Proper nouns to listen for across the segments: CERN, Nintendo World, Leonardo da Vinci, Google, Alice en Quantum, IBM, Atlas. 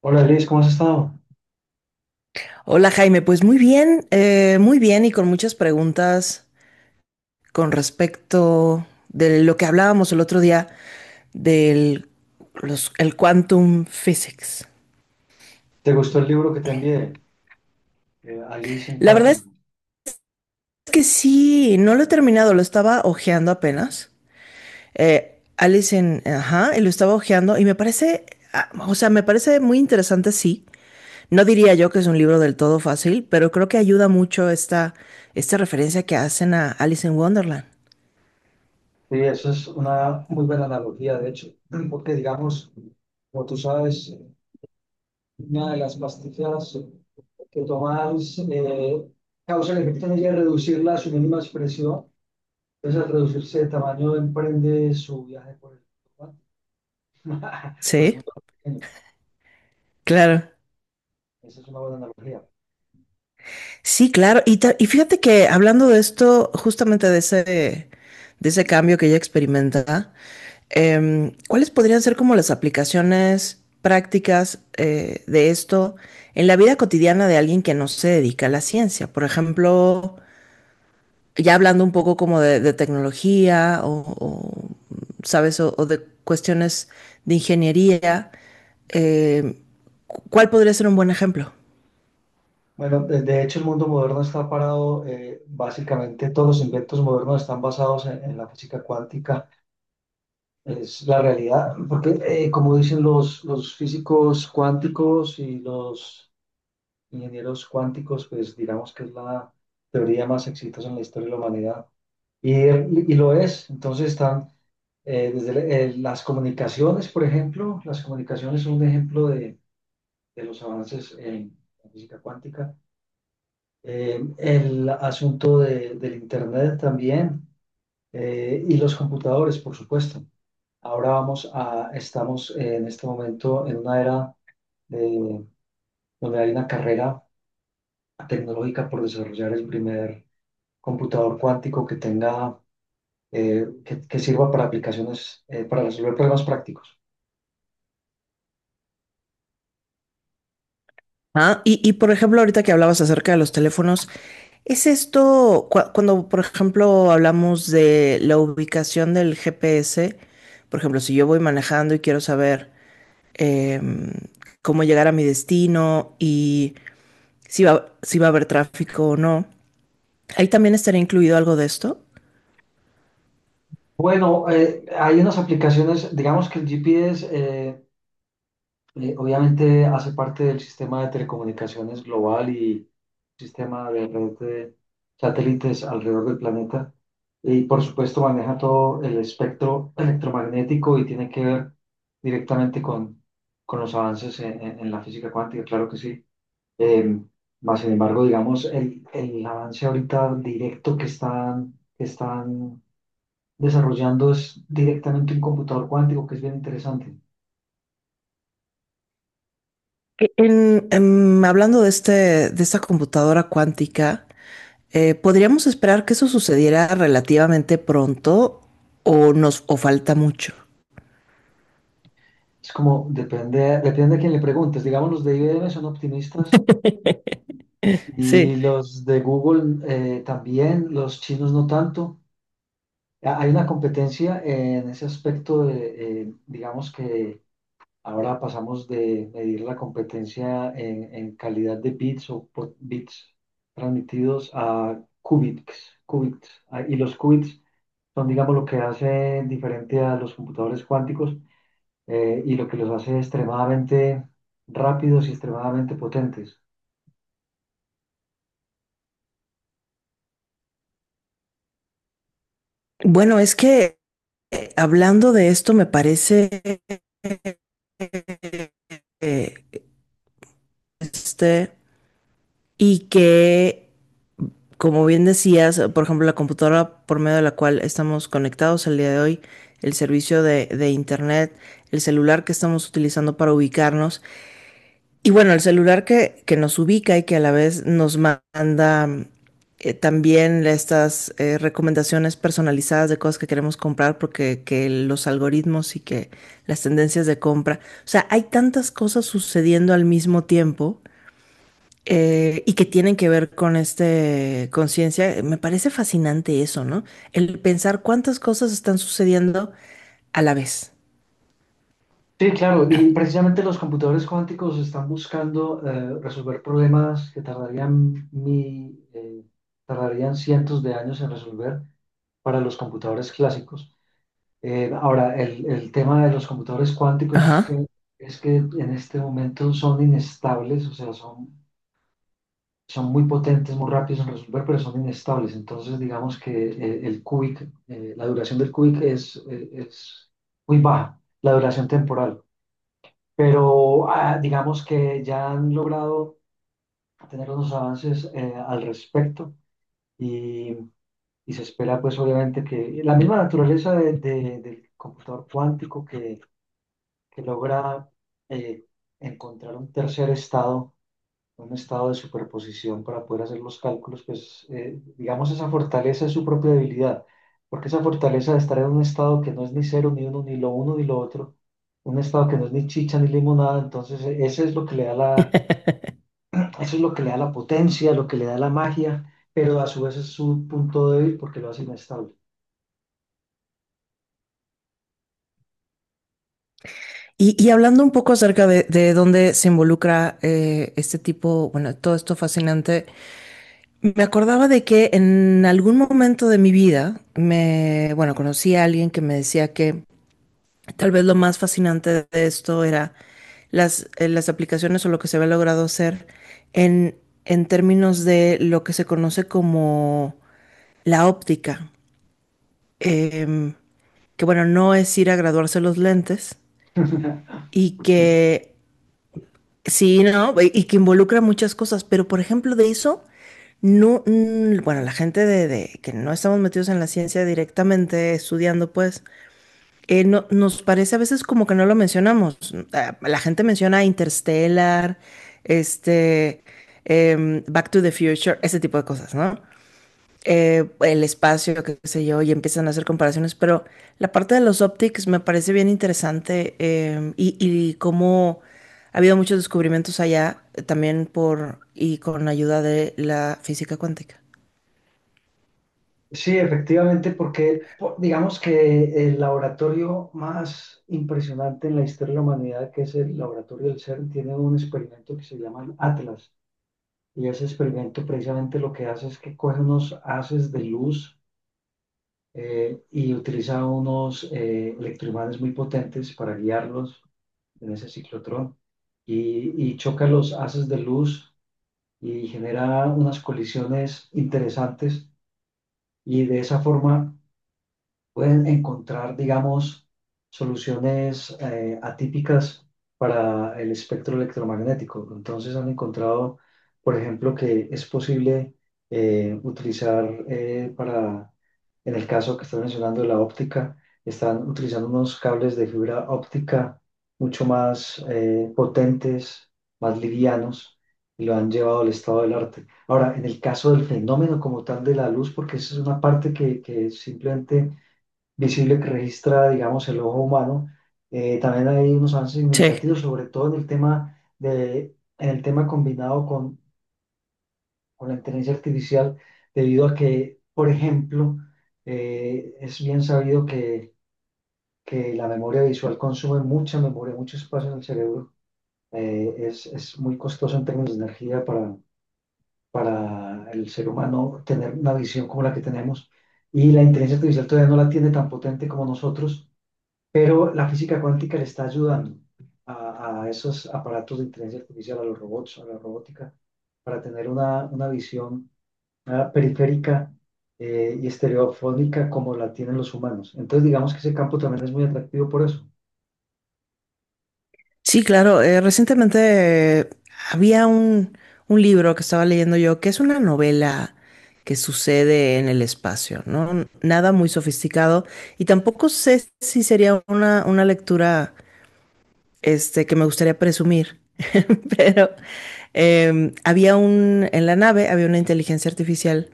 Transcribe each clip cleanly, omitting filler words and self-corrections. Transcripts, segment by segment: Hola Liz, ¿cómo has estado? Hola Jaime, pues muy bien y con muchas preguntas con respecto de lo que hablábamos el otro día del el quantum physics. ¿Te gustó el libro que te envié? Alice en La verdad Quantum. es que sí, no lo he terminado, lo estaba ojeando apenas. Alice en, ajá, y lo estaba ojeando y me parece, o sea, me parece muy interesante, sí. No diría yo que es un libro del todo fácil, pero creo que ayuda mucho esta referencia que hacen a Alice en Wonderland. Sí, eso es una muy buena analogía, de hecho, porque digamos, como tú sabes, una de las pastillas que tomas causa el efecto en ella de reducirla a su mínima expresión. Entonces, al reducirse de tamaño, emprende su viaje por por el Sí, mundo pequeño. claro. Esa es una buena analogía. Sí, claro. Y y fíjate que hablando de esto, justamente de ese cambio que ella experimenta, ¿cuáles podrían ser como las aplicaciones prácticas de esto en la vida cotidiana de alguien que no se dedica a la ciencia? Por ejemplo, ya hablando un poco como de tecnología o, ¿sabes? O de cuestiones de ingeniería, em, ¿cuál podría ser un buen ejemplo? Bueno, de hecho el mundo moderno está parado, básicamente todos los inventos modernos están basados en la física cuántica, es la realidad, porque como dicen los físicos cuánticos y los ingenieros cuánticos, pues digamos que es la teoría más exitosa en la historia de la humanidad, y, y lo es, entonces están desde las comunicaciones, por ejemplo, las comunicaciones son un ejemplo de los avances en la física cuántica. El asunto del Internet también, y los computadores, por supuesto. Ahora estamos en este momento en una era de- donde hay una carrera tecnológica por desarrollar el primer computador cuántico que tenga, que sirva para aplicaciones, para resolver problemas prácticos. Ah, y por ejemplo, ahorita que hablabas acerca de los teléfonos, ¿es esto cuando, por ejemplo, hablamos de la ubicación del GPS? Por ejemplo, si yo voy manejando y quiero saber em, cómo llegar a mi destino y si va a haber tráfico o no, ahí también estaría incluido algo de esto. Bueno, hay unas aplicaciones, digamos que el GPS... eh, obviamente hace parte del sistema de telecomunicaciones global y sistema de red de satélites alrededor del planeta. Y por supuesto maneja todo el espectro electromagnético y tiene que ver directamente con los avances en la física cuántica, claro que sí. Eh, más sin embargo, digamos, el avance ahorita directo que están desarrollando es directamente un computador cuántico, que es bien interesante. En, hablando de este, de esta computadora cuántica. Podríamos esperar que eso sucediera relativamente pronto o nos o falta mucho? Es como, depende, depende a quién le preguntes. Digamos, los de IBM son optimistas y Sí. los de Google también, los chinos no tanto. Hay una competencia en ese aspecto de, digamos que ahora pasamos de medir la competencia en calidad de bits o bits transmitidos a qubits. Ah, y los qubits son, digamos, lo que hace diferente a los computadores cuánticos, y lo que los hace extremadamente rápidos y extremadamente potentes. Bueno, es que hablando de esto me parece eh, este y que como bien decías, por ejemplo, la computadora por medio de la cual estamos conectados el día de hoy, el servicio de internet, el celular que estamos utilizando para ubicarnos. Y bueno, el celular que nos ubica y que a la vez nos manda también estas recomendaciones personalizadas de cosas que queremos comprar porque que los algoritmos y que las tendencias de compra. O sea, hay tantas cosas sucediendo al mismo tiempo y que tienen que ver con este conciencia. Me parece fascinante eso, ¿no? El pensar cuántas cosas están sucediendo a la vez. Sí, claro, y precisamente los computadores cuánticos están buscando resolver problemas que tardarían, tardarían cientos de años en resolver para los computadores clásicos. Ahora, el tema de los computadores cuánticos Ajá. Es que en este momento son inestables, o sea, son son muy potentes, muy rápidos en resolver, pero son inestables. Entonces, digamos que el cubic, la duración del cubic es muy baja, la duración temporal. Pero ah, digamos que ya han logrado tener unos avances al respecto, y, y se espera, pues, obviamente que la misma naturaleza del computador cuántico que logra eh, encontrar un tercer estado, un estado de superposición para poder hacer los cálculos, pues digamos esa fortaleza es su propia debilidad, porque esa fortaleza de estar en un estado que no es ni cero, ni uno, ni lo uno, ni lo otro, un estado que no es ni chicha, ni limonada, entonces ese es lo que le da la, eso es lo que le da la potencia, lo que le da la magia, pero a su vez es su punto débil porque lo hace inestable. Y, y hablando un poco acerca de dónde se involucra este tipo, bueno, todo esto fascinante, me acordaba de que en algún momento de mi vida me, bueno, conocí a alguien que me decía que tal vez lo más fascinante de esto era las las aplicaciones o lo que se había logrado hacer en, en términos de lo que se conoce como la óptica. Em, que bueno, no es ir a graduarse los lentes y que sí, ¿no? Y que involucra muchas cosas, pero por ejemplo de eso, no, bueno, la gente de que no estamos metidos en la ciencia directamente estudiando, pues, no, nos parece a veces como que no lo mencionamos. La gente menciona Interstellar, este, Back to the Future, ese tipo de cosas, ¿no? El espacio, qué sé yo, y empiezan a hacer comparaciones, pero la parte de los optics me parece bien interesante y cómo ha habido muchos descubrimientos allá también por y con ayuda de la física cuántica. Sí, efectivamente, porque digamos que el laboratorio más impresionante en la historia de la humanidad, que es el laboratorio del CERN, tiene un experimento que se llama el Atlas. Y ese experimento precisamente lo que hace es que coge unos haces de luz, y utiliza unos electroimanes muy potentes para guiarlos en ese ciclotrón. Y choca los haces de luz y genera unas colisiones interesantes. Y de esa forma pueden encontrar, digamos, soluciones atípicas para el espectro electromagnético. Entonces han encontrado, por ejemplo, que es posible utilizar, en el caso que estoy mencionando de la óptica, están utilizando unos cables de fibra óptica mucho más potentes, más livianos, y lo han llevado al estado del arte. Ahora, en el caso del fenómeno como tal de la luz, porque esa es una parte que simplemente visible que registra, digamos, el ojo humano. También hay unos avances Sí. significativos, sobre todo en el tema de, en el tema combinado con la inteligencia artificial, debido a que, por ejemplo, es bien sabido que la memoria visual consume mucha memoria, mucho espacio en el cerebro. Es muy costoso en términos de energía para el ser humano tener una visión como la que tenemos. Y la inteligencia artificial todavía no la tiene tan potente como nosotros. Pero la física cuántica le está ayudando a esos aparatos de inteligencia artificial, a los robots, a la robótica, para tener una visión ah, periférica, y estereofónica como la tienen los humanos. Entonces, digamos que ese campo también es muy atractivo por eso. Sí, claro, recientemente había un libro que estaba leyendo yo que es una novela que sucede en el espacio, ¿no? Nada muy sofisticado y tampoco sé si sería una lectura que me gustaría presumir, pero en la nave había una inteligencia artificial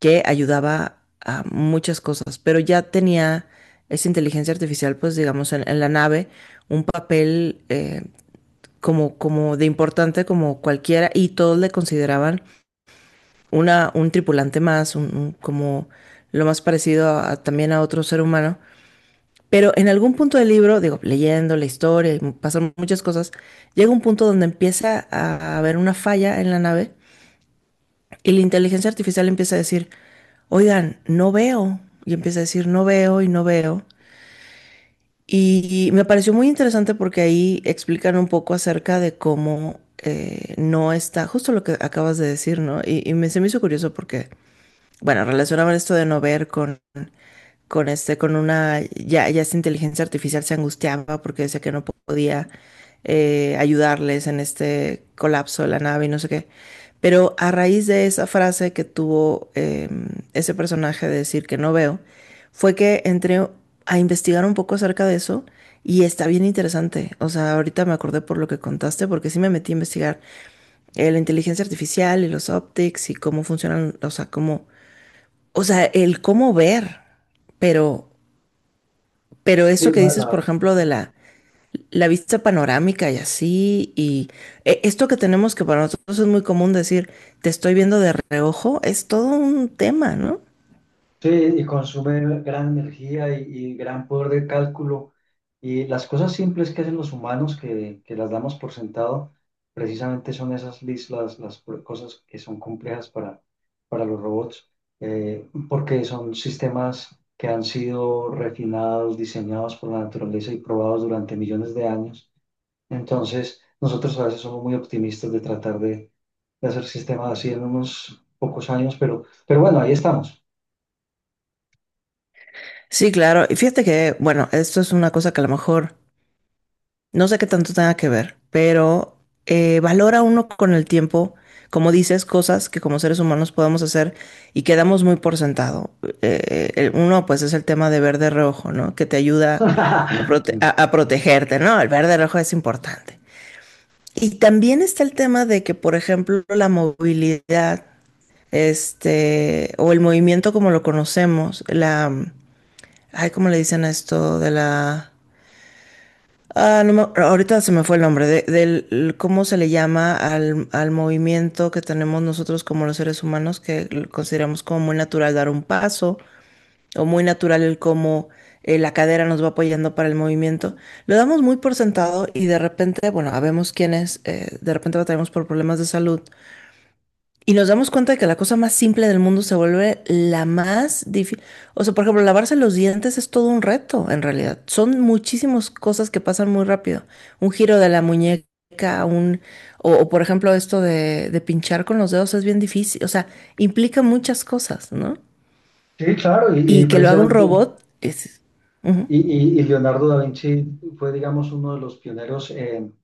que ayudaba a muchas cosas, pero ya tenía esa inteligencia artificial, pues digamos, en la nave, un papel como de importante como cualquiera y todos le consideraban un tripulante más, como lo más parecido también a otro ser humano. Pero en algún punto del libro, digo, leyendo la historia, y pasan muchas cosas, llega un punto donde empieza a haber una falla en la nave y la inteligencia artificial empieza a decir, oigan, no veo. Y empieza a decir, no veo y no veo. Y me pareció muy interesante porque ahí explican un poco acerca de cómo no está, justo lo que acabas de decir, ¿no? Y me, se me hizo curioso porque, bueno, relacionaban esto de no ver con este, con una, ya, ya esta inteligencia artificial se angustiaba porque decía que no podía ayudarles en este colapso de la nave y no sé qué. Pero a raíz de esa frase que tuvo ese personaje de decir que no veo, fue que entré a investigar un poco acerca de eso y está bien interesante. O sea, ahorita me acordé por lo que contaste porque sí me metí a investigar la inteligencia artificial y los optics y cómo funcionan, o sea, cómo, o sea, el cómo ver, pero pero Sí, eso que dices, por ejemplo, la vista panorámica y así, y esto que tenemos que para nosotros es muy común decir, te estoy viendo de reojo, es todo un tema, ¿no? sí, y consume gran energía y gran poder de cálculo. Y las cosas simples que hacen los humanos, que las damos por sentado, precisamente son esas cosas que son complejas para los robots, porque son sistemas que han sido refinados, diseñados por la naturaleza y probados durante millones de años. Entonces, nosotros a veces somos muy optimistas de tratar de hacer sistemas así en unos pocos años, pero bueno, ahí estamos. Sí, claro. Y fíjate que, bueno, esto es una cosa que a lo mejor no sé qué tanto tenga que ver, pero valora uno con el tiempo, como dices, cosas que como seres humanos podemos hacer y quedamos muy por sentado. Uno, pues, es el tema de ver de reojo, ¿no? Que te ayuda a, protegerte, ¿no? El ver de reojo es importante. Y también está el tema de que, por ejemplo, la movilidad, o el movimiento como lo conocemos, ay, ¿cómo le dicen a esto? De la Ah, no me- ahorita se me fue el nombre del cómo se le llama al movimiento que tenemos nosotros como los seres humanos, que lo consideramos como muy natural dar un paso, o muy natural el cómo la cadera nos va apoyando para el movimiento. Lo damos muy por sentado y de repente, bueno, habemos quienes, de repente batallamos por problemas de salud y nos damos cuenta de que la cosa más simple del mundo se vuelve la más difícil. O sea, por ejemplo, lavarse los dientes es todo un reto, en realidad. Son muchísimas cosas que pasan muy rápido. Un giro de la muñeca, un... O, o, por ejemplo, esto de pinchar con los dedos es bien difícil. O sea, implica muchas cosas, ¿no? Sí, claro, y, y Y que lo haga un precisamente, robot es... ujú. y, y- y Leonardo da Vinci fue, digamos, uno de los pioneros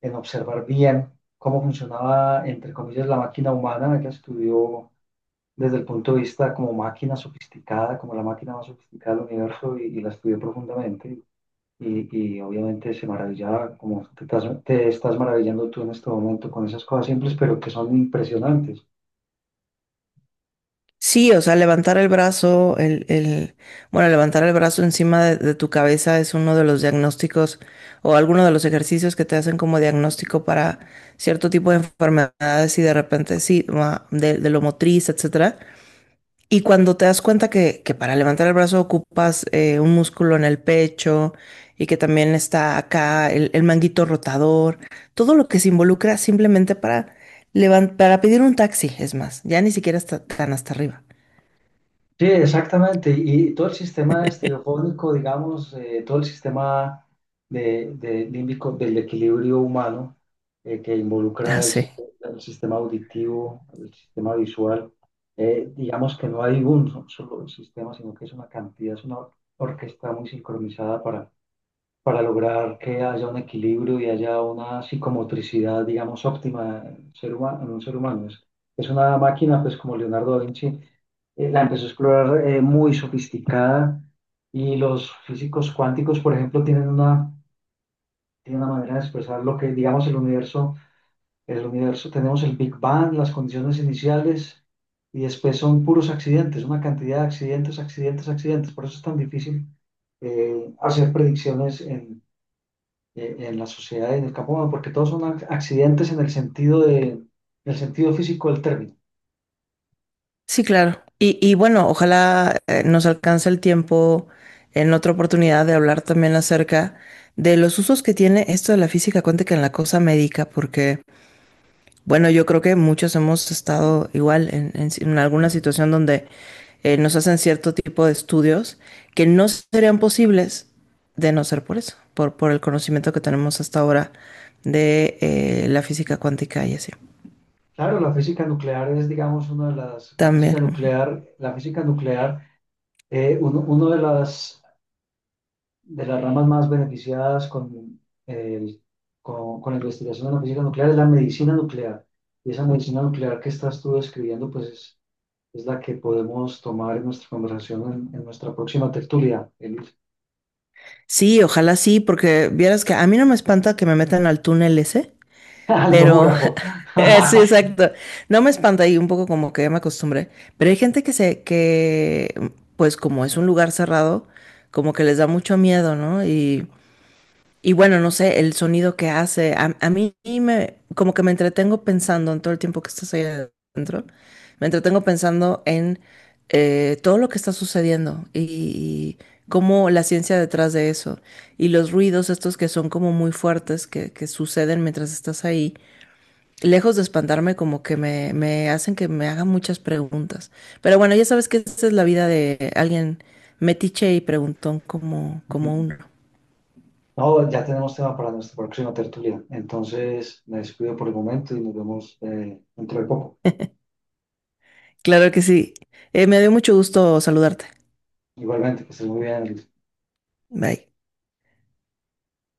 en observar bien cómo funcionaba, entre comillas, la máquina humana, que estudió desde el punto de vista como máquina sofisticada, como la máquina más sofisticada del universo, y la estudió profundamente. Y obviamente se maravillaba, te estás maravillando tú en este momento con esas cosas simples, pero que son impresionantes. Sí, o sea, levantar el brazo, bueno, levantar el brazo encima de tu cabeza es uno de los diagnósticos o alguno de los ejercicios que te hacen como diagnóstico para cierto tipo de enfermedades y de repente sí, de lo motriz, etcétera. Y cuando te das cuenta que para levantar el brazo ocupas un músculo en el pecho y que también está acá el manguito rotador, todo lo que se involucra simplemente para levantar, para pedir un taxi, es más, ya ni siquiera está tan hasta arriba. Sí, exactamente. Y todo el sistema estereofónico, digamos, todo el sistema de límbico del equilibrio humano, eh, que involucra Ah, el, sí. sis- el sistema auditivo, el sistema visual, digamos que no hay un solo sistema, sino que es una cantidad, es una orquesta muy sincronizada para lograr que haya un equilibrio y haya una psicomotricidad, digamos, óptima en un ser humano. En un ser humano. Es una máquina, pues como Leonardo da Vinci, la empezó a explorar muy sofisticada, y los físicos cuánticos, por ejemplo, tienen tienen una manera de expresar lo que, digamos, el universo, tenemos el Big Bang, las condiciones iniciales. Y después son puros accidentes, una cantidad de accidentes, accidentes, accidentes. Por eso es tan difícil hacer predicciones en la sociedad y en el campo humano, porque todos son accidentes en el sentido en el sentido físico del término. Sí, claro. Y bueno, ojalá nos alcance el tiempo en otra oportunidad de hablar también acerca de los usos que tiene esto de la física cuántica en la cosa médica, porque, bueno, yo creo que muchos hemos estado igual en si- en alguna situación donde nos hacen cierto tipo de estudios que no serían posibles de no ser por eso, por el conocimiento que tenemos hasta ahora de la física cuántica y así. Claro, la física nuclear es, digamos, También. La física nuclear, uno de las ramas más beneficiadas con, el- con la investigación de la física nuclear es la medicina nuclear. Y esa medicina nuclear que estás tú describiendo, pues es la que podemos tomar en nuestra conversación en nuestra próxima tertulia, el, Sí, ojalá sí, porque vieras que a mí no me espanta que me metan al túnel ese, el pero tomógrafo. Sí, exacto. No me espanta y un poco como que ya me acostumbré, pero hay gente que pues como es un lugar cerrado, como que les da mucho miedo, ¿no? Y bueno, no sé, el sonido que hace, a mí me, como que me entretengo pensando en todo el tiempo que estás ahí adentro, me entretengo pensando en todo lo que está sucediendo y cómo la ciencia detrás de eso y los ruidos estos que son como muy fuertes que suceden mientras estás ahí, lejos de espantarme como que me hacen que me haga muchas preguntas. Pero bueno, ya sabes que esta es la vida de alguien metiche y preguntón como, como uno. No, ya tenemos tema para nuestra próxima tertulia. Entonces, me despido por el momento y nos vemos dentro de poco. Claro que sí. Me dio mucho gusto saludarte. Igualmente, que estés muy bien. Bye.